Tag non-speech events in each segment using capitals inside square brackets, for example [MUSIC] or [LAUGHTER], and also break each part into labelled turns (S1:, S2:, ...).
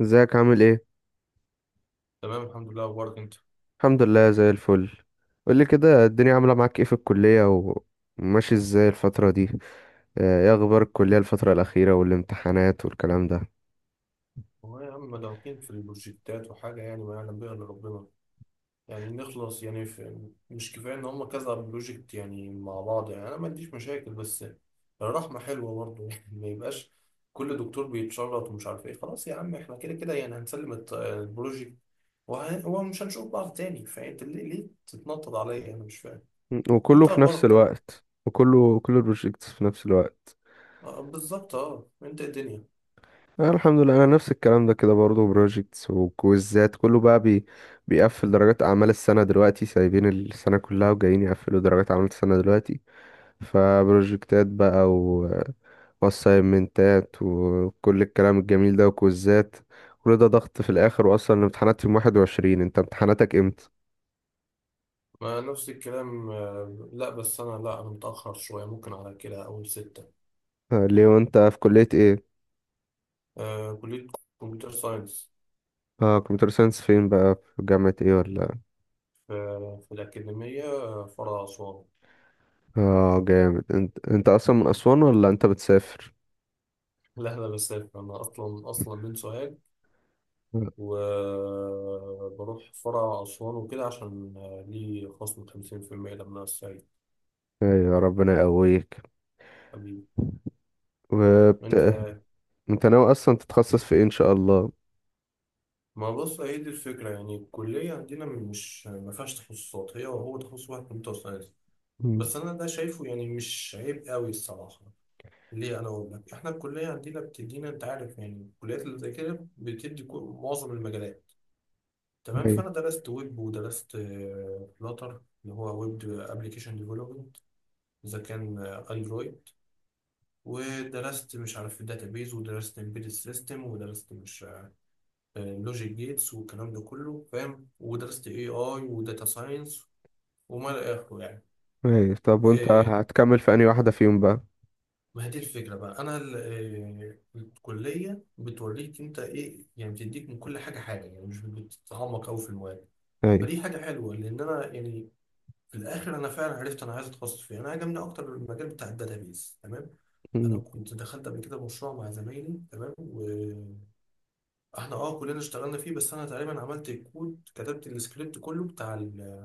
S1: ازيك عامل ايه؟
S2: تمام، الحمد لله. اخبارك انت؟
S1: الحمد لله زي الفل. قولي كده، الدنيا عامله معاك ايه في الكليه، وماشي ازاي الفتره دي؟ ايه اخبار الكليه الفتره الاخيره والامتحانات والكلام ده؟
S2: هو يا عم مدعوكين في البروجكتات وحاجه يعني ما يعلم بها الا ربنا. يعني نخلص يعني في مش كفايه ان هم كذا بروجكت يعني مع بعض يعني انا ما عنديش مشاكل، بس الرحمه حلوه برضه [LAUGHS] يعني ما يبقاش كل دكتور بيتشرط ومش عارف ايه. خلاص يا عم احنا كده كده يعني هنسلم البروجكت ومش هنشوف بعض تاني. فانت ليه تتنطط عليا؟ انا مش فاهم.
S1: وكله
S2: انت
S1: في نفس
S2: اخبارك طيب؟
S1: الوقت، كل البروجيكتس في نفس الوقت؟
S2: بالظبط. اه انت إيه الدنيا؟
S1: الحمد لله، انا نفس الكلام ده كده برضه، بروجيكتس وكويزات، كله بقى بي بيقفل درجات اعمال السنه دلوقتي. سايبين السنه كلها وجايين يقفلوا درجات اعمال السنه دلوقتي. فبروجكتات بقى واسايمنتات وكل الكلام الجميل ده وكوزات، كل ده ضغط في الاخر. واصلا الامتحانات يوم 21. انت امتحاناتك امتى؟
S2: ما نفس الكلام. لا بس أنا، لا أنا متأخر شوية، ممكن على كده أول ستة.
S1: ليه؟ وانت في كلية ايه؟
S2: كلية كمبيوتر ساينس.
S1: اه، كمبيوتر ساينس فين بقى؟ في جامعة ايه ولا؟
S2: في في الأكاديمية، فرع أسوان.
S1: اه جامد. انت انت اصلا من اسوان ولا انت بتسافر؟
S2: [LAUGHS] لا أنا بسافر، أنا أصلا من سوهاج، وبروح فرع أسوان وكده عشان لي خصم خمسين في المية لما أنا السعيد.
S1: ايوه، ربنا يقويك.
S2: حبيبي.
S1: وبت...
S2: أنت؟
S1: انت ناوي اصلا تتخصص في ايه ان شاء الله؟
S2: ما بص، هي دي الفكرة، يعني الكلية عندنا مش ما فيهاش تخصصات، هي وهو تخصص واحد كمبيوتر ساينس.
S1: مم.
S2: بس أنا ده شايفه يعني مش عيب قوي الصراحة. ليه؟ انا اقول لك احنا الكليه عندنا بتدينا، انت عارف يعني الكليات اللي زي كده بتدي معظم المجالات. تمام،
S1: ايوه.
S2: فانا درست ويب ودرست فلاتر اللي هو ويب ابلكيشن ديفلوبمنت، اذا كان اندرويد، ودرست مش عارف بيز، ودرست امبيدد سيستم، ودرست مش لوجيك جيتس والكلام ده كله فاهم، ودرست اي اي وداتا ساينس، وما الى اخره يعني.
S1: ايوه طب وانت
S2: آه،
S1: هتكمل في انهي واحدة فيهم بقى؟
S2: ما هي دي الفكرة بقى. أنا ال- آه، الكلية بتوريك أنت إيه، يعني بتديك من كل حاجة حاجة، يعني مش بتتعمق أوي في المواد.
S1: ايوه.
S2: فدي حاجة حلوة، لأن أنا يعني في الآخر أنا فعلا عرفت أنا عايز أتخصص فيه. أنا عجبني أكتر المجال بتاع الداتابيز. تمام، أنا
S1: مم.
S2: كنت دخلت قبل كده مشروع مع زمايلي، تمام، وإحنا أه كلنا اشتغلنا فيه، بس أنا تقريبا عملت الكود، كتبت السكريبت كله بتاع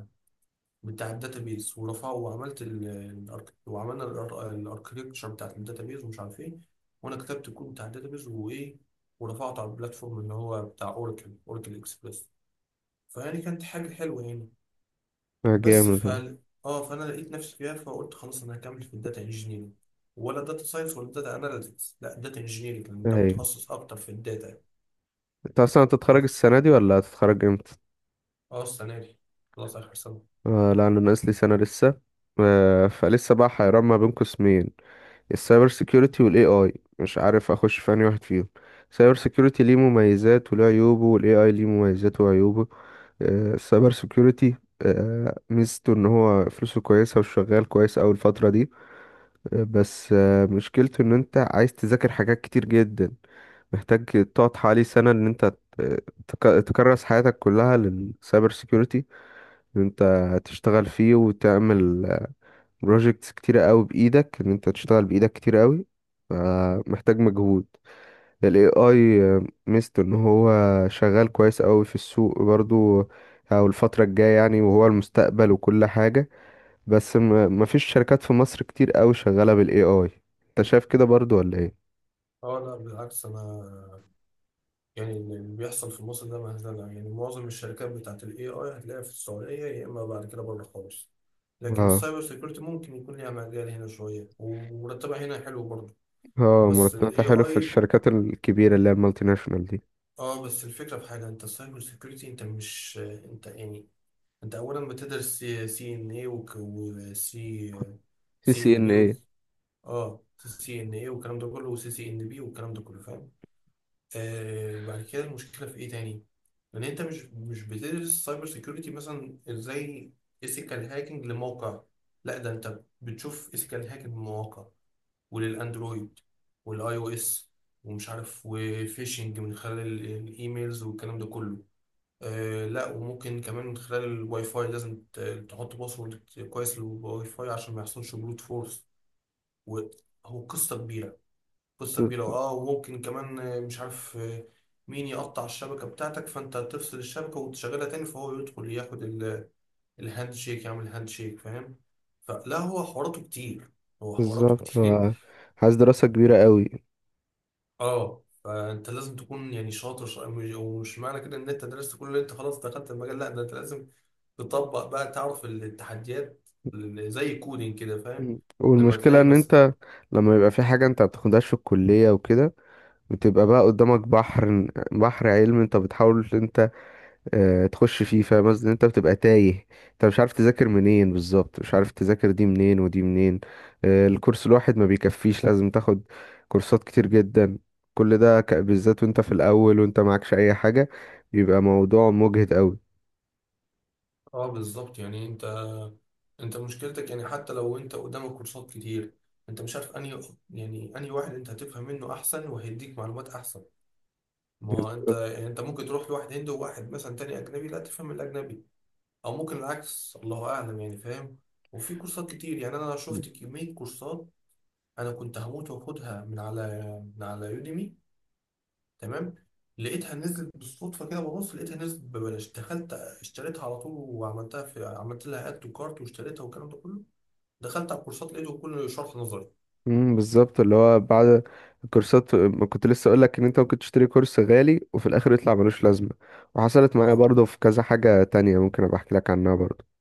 S2: بتاع الداتابيز ورفعه، وعملت وعملنا الاركتكتشر بتاعت الداتابيز ومش عارف ايه، وانا كتبت الكود بتاع الداتابيز وايه، ورفعته على البلاتفورم اللي هو بتاع اوراكل، اوراكل اكسبريس. فيعني كانت حاجه حلوه يعني. بس ف
S1: جامد.
S2: اه فانا لقيت نفسي فيها، فقلت خلاص انا هكمل في الداتا انجينيرنج، ولا داتا ساينس ولا داتا اناليتكس. لا، داتا انجينيرنج، لان ده
S1: ايوه،
S2: متخصص اكتر في الداتا.
S1: انت اصلا هتتخرج
S2: بس
S1: السنه دي ولا هتتخرج امتى؟
S2: اه السنه دي، خلاص اخر سنه.
S1: آه لا، انا ناقص لي سنه لسه. آه، فلسه بقى حيران ما بين قسمين، السايبر سيكيورتي والاي اي. مش عارف اخش في انهي واحد فيهم. السايبر سيكيورتي ليه مميزات وليه عيوبه، والاي اي ليه مميزاته وعيوبه. آه، السايبر سيكيورتي، آه، ميزته ان هو فلوسه كويسه وشغال كويس اوي الفتره دي. آه بس آه، مشكلته ان انت عايز تذاكر حاجات كتير جدا. محتاج تقعد حوالي سنه ان انت آه، تكرس حياتك كلها للسايبر سيكيورتي. ان انت هتشتغل فيه وتعمل بروجيكتس كتيرة قوي بايدك، ان انت تشتغل بايدك كتير قوي، فمحتاج مجهود. ال AI ميزته ان هو شغال كويس قوي في السوق برضو، او الفترة الجاية يعني، وهو المستقبل وكل حاجة. بس مفيش شركات في مصر كتير قوي شغالة بال AI. انت شايف كده برضو ولا ايه؟
S2: اه لا بالعكس. انا يعني اللي بيحصل في مصر ده مهزلة، يعني معظم الشركات بتاعت ال AI هتلاقيها في السعودية، يا إما بعد كده بره خالص. لكن
S1: اه.
S2: السايبر سيكيورتي ممكن يكون ليها مجال هنا شوية، ومرتبها هنا حلو برضه.
S1: اه،
S2: بس ال
S1: مرتباتها حلو في
S2: AI،
S1: الشركات الكبيرة اللي هي المالتي ناشونال دي.
S2: اه بس الفكرة في حاجة، انت السايبر سيكيورتي انت مش انت يعني، انت أولا بتدرس سي ان اي سي
S1: سي
S2: ان
S1: ان
S2: بي.
S1: ايه؟
S2: اه سي ان اي والكلام ده كله، وسي سي ان بي والكلام ده كله فاهم. آه بعد كده المشكلة في إيه تاني؟ إن أنت مش بتدرس سايبر سيكيورتي مثلا إزاي، إيثيكال هاكينج لموقع، لا، ده أنت بتشوف إيثيكال هاكينج لمواقع وللأندرويد والأي أو إس ومش عارف، وفيشنج من خلال الإيميلز والكلام ده كله، آه لا، وممكن كمان من خلال الواي فاي لازم تحط باسورد كويس للواي فاي عشان ما يحصلش بروت فورس، وهو قصة كبيرة. قصة كبيرة اه، وممكن كمان مش عارف مين يقطع الشبكة بتاعتك، فانت تفصل الشبكة وتشغلها تاني فهو يدخل ياخد الهاند شيك، يعمل هاند شيك فاهم. فلا هو حواراته كتير. هو حواراته [LAUGHS]
S1: بالظبط،
S2: كتير.
S1: آه. عايز دراسة كبيرة قوي.
S2: اه فانت لازم تكون يعني شاطر، ومش معنى كده ان انت درست كل اللي انت، خلاص دخلت المجال. لا ده انت لازم تطبق بقى، تعرف التحديات زي الكودينج كده فاهم.
S1: مم.
S2: لما
S1: والمشكلة
S2: تلاقي
S1: ان
S2: مثلا
S1: انت لما يبقى في حاجة انت بتاخدهاش في الكلية وكده، بتبقى بقى قدامك بحر، بحر علم، انت بتحاول ان انت تخش فيه، فاهم قصدي؟ انت بتبقى تايه، انت مش عارف تذاكر منين بالظبط، مش عارف تذاكر دي منين ودي منين. الكورس الواحد ما بيكفيش، لازم تاخد كورسات كتير جدا. كل ده بالذات وانت في الاول وانت معكش اي حاجة، بيبقى موضوع مجهد قوي.
S2: اه بالظبط، يعني انت، انت مشكلتك يعني، حتى لو انت قدامك كورسات كتير، انت مش عارف انهي، يعني انهي واحد انت هتفهم منه احسن وهيديك معلومات احسن. ما هو انت يعني، انت ممكن تروح لواحد هندي وواحد مثلا تاني اجنبي لا تفهم الاجنبي، او ممكن العكس، الله اعلم يعني فاهم. وفي كورسات كتير يعني، انا شفت كمية كورسات انا كنت هموت واخدها من على يوديمي. تمام، لقيتها نزلت بالصدفة كده، ببص لقيتها نزلت ببلاش، دخلت اشتريتها على طول وعملتها، في عملت لها اد وكارت واشتريتها والكلام ده كله، دخلت على كورسات لقيته كله شرح نظري.
S1: امم، بالظبط. اللي هو بعد الكورسات، ما كنت لسه اقول لك ان انت ممكن تشتري كورس غالي وفي الاخر يطلع ملوش لازمه، وحصلت معايا
S2: اه
S1: برضه في كذا حاجه تانية، ممكن ابقى احكي لك عنها برضه.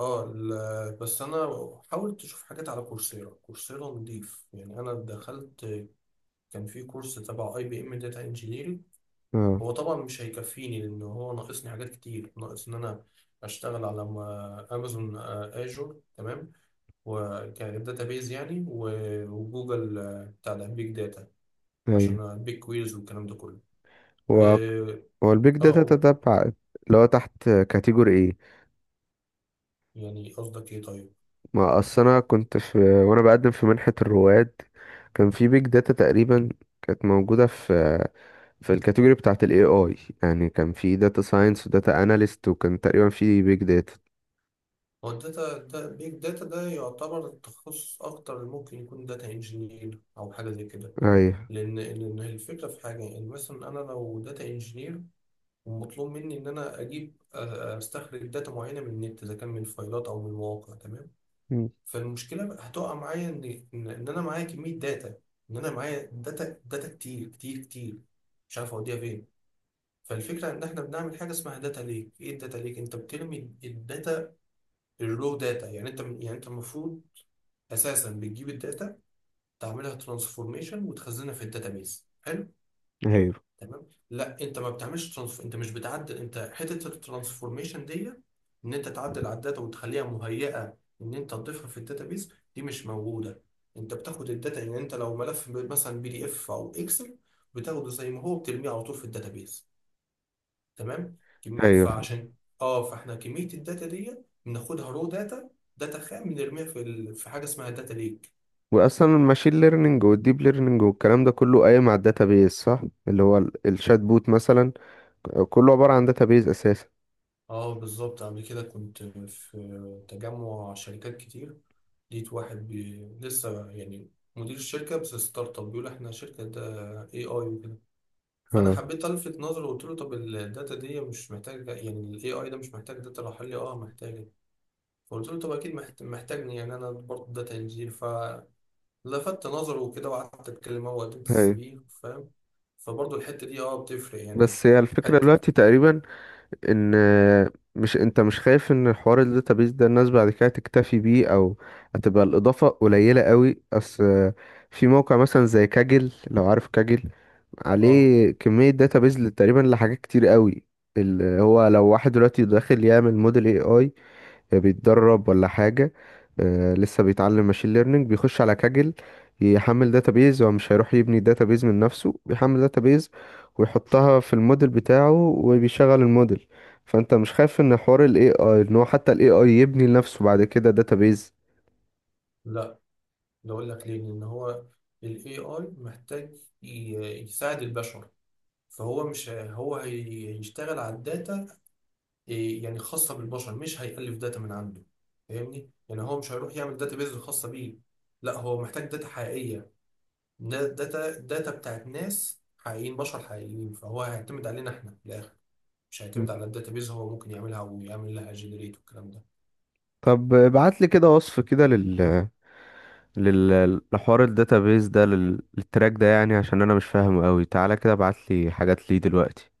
S2: بس انا حاولت اشوف حاجات على كورسيرا. كورسيرا نضيف يعني. انا دخلت كان في كورس تبع اي بي ام داتا انجينيرنج.
S1: اه.
S2: هو طبعا مش هيكفيني، لان هو ناقصني حاجات كتير، ناقص ان انا اشتغل على امازون اجور تمام، وكداتا بيز يعني، وجوجل بتاع البيج داتا،
S1: ايوه.
S2: عشان بيج كويرز والكلام ده كله.
S1: هو
S2: اه
S1: هو البيج داتا
S2: قول.
S1: تتبع، اللي هو تحت كاتيجوري ايه؟
S2: يعني قصدك ايه طيب؟
S1: ما اصل انا كنت في، وانا بقدم في منحه الرواد، كان في بيج داتا تقريبا، كانت موجوده في في الكاتيجوري بتاعه الاي اي. يعني كان في داتا ساينس وداتا اناليست، وكان تقريبا في بيج داتا.
S2: هو الداتا دا، بيج داتا ده يعتبر تخصص أكتر، اللي ممكن يكون داتا انجينير أو حاجة زي كده.
S1: ايوه.
S2: لأن الفكرة في حاجة، يعني مثلا أنا لو داتا انجينير ومطلوب مني إن أنا أجيب أستخرج داتا معينة من النت، إذا كان من فايلات أو من مواقع تمام.
S1: مم.
S2: فالمشكلة بقى هتقع معايا، إن أنا معايا كمية داتا، إن أنا معايا داتا كتير كتير كتير، مش عارف أوديها فين. فالفكرة إن إحنا بنعمل حاجة اسمها داتا ليك. إيه الداتا ليك؟ أنت بترمي الداتا، الرو داتا، يعني انت يعني انت المفروض اساسا بتجيب الداتا، تعملها ترانسفورميشن وتخزنها في الداتابيس، حلو.
S1: ايوه.
S2: تمام لا، انت ما انت مش بتعدل، انت حته الترانسفورميشن دي ان انت تعدل على الداتا وتخليها مهيئه ان انت تضيفها في الداتابيس، دي مش موجوده. انت بتاخد الداتا، يعني انت لو ملف مثلا بي دي اف او اكسل، بتاخده زي ما هو بترميه على طول في الداتابيس. تمام
S1: ايوه.
S2: فعشان اه، فاحنا كميه الداتا دي بناخدها رو داتا، داتا خام، بنرميها في في حاجه اسمها داتا ليك.
S1: واصلا الماشين ليرنينج والديب ليرنينج والكلام ده كله قايم على الداتابيز، صح؟ اللي هو الشات بوت مثلا، كله عباره عن داتابيز اساسا.
S2: اه بالظبط، قبل كده كنت في تجمع شركات كتير، لقيت واحد لسه يعني مدير الشركه بس، ستارت اب، بيقول احنا شركه ده اي اي وكده. فانا
S1: اه.
S2: حبيت الفت نظره وقلت له طب الداتا دي مش محتاجه؟ يعني الاي اي ده مش محتاج داتا؟ راح قال لي اه محتاجه. فقلت له طب اكيد محتاجني، يعني انا برضه داتا انجينير ف لفت نظره وكده وقعدت اتكلم، هو قدمت
S1: ايوه.
S2: السي في فاهم. فبرضه الحته دي اه بتفرق يعني.
S1: بس هي الفكره
S2: حته
S1: دلوقتي تقريبا، ان مش انت مش خايف ان حوار الداتابيز ده الناس بعد كده تكتفي بيه، او هتبقى الاضافه قليله قوي؟ اصل في موقع مثلا زي كاجل، لو عارف كاجل،
S2: اه
S1: عليه كمية داتابيز تقريبا لحاجات كتير قوي. اللي هو لو واحد دلوقتي داخل يعمل موديل اي اي، بيتدرب ولا حاجة، لسه بيتعلم ماشين ليرنينج، بيخش على كاجل يحمل داتابيز، هو مش هيروح يبني داتابيز من نفسه، بيحمل داتابيز ويحطها في الموديل بتاعه وبيشغل الموديل. فانت مش خايف ان حوار الاي اي ان هو حتى الاي اي يبني لنفسه بعد كده داتابيز؟
S2: لا، ده اقول لك ليه. لان هو الاي اي محتاج يساعد البشر، فهو مش ه- هو هي- هيشتغل على الداتا، إيه، يعني خاصه بالبشر، مش هيألف داتا من عنده. فاهمني، يعني هو مش هيروح يعمل داتا بيز خاصه بيه، لا هو محتاج داتا حقيقيه، داتا بتاعت ناس حقيقيين بشر حقيقيين. فهو هيعتمد علينا احنا في الاخر، مش
S1: مم.
S2: هيعتمد على الداتابيز. هو ممكن يعملها ويعمل لها جنريت والكلام ده
S1: طب ابعت لي كده وصف كده لل لحوار الداتابيز ده، للتراك ده يعني، عشان انا مش فاهمه قوي. تعالى كده ابعت لي حاجات ليه دلوقتي.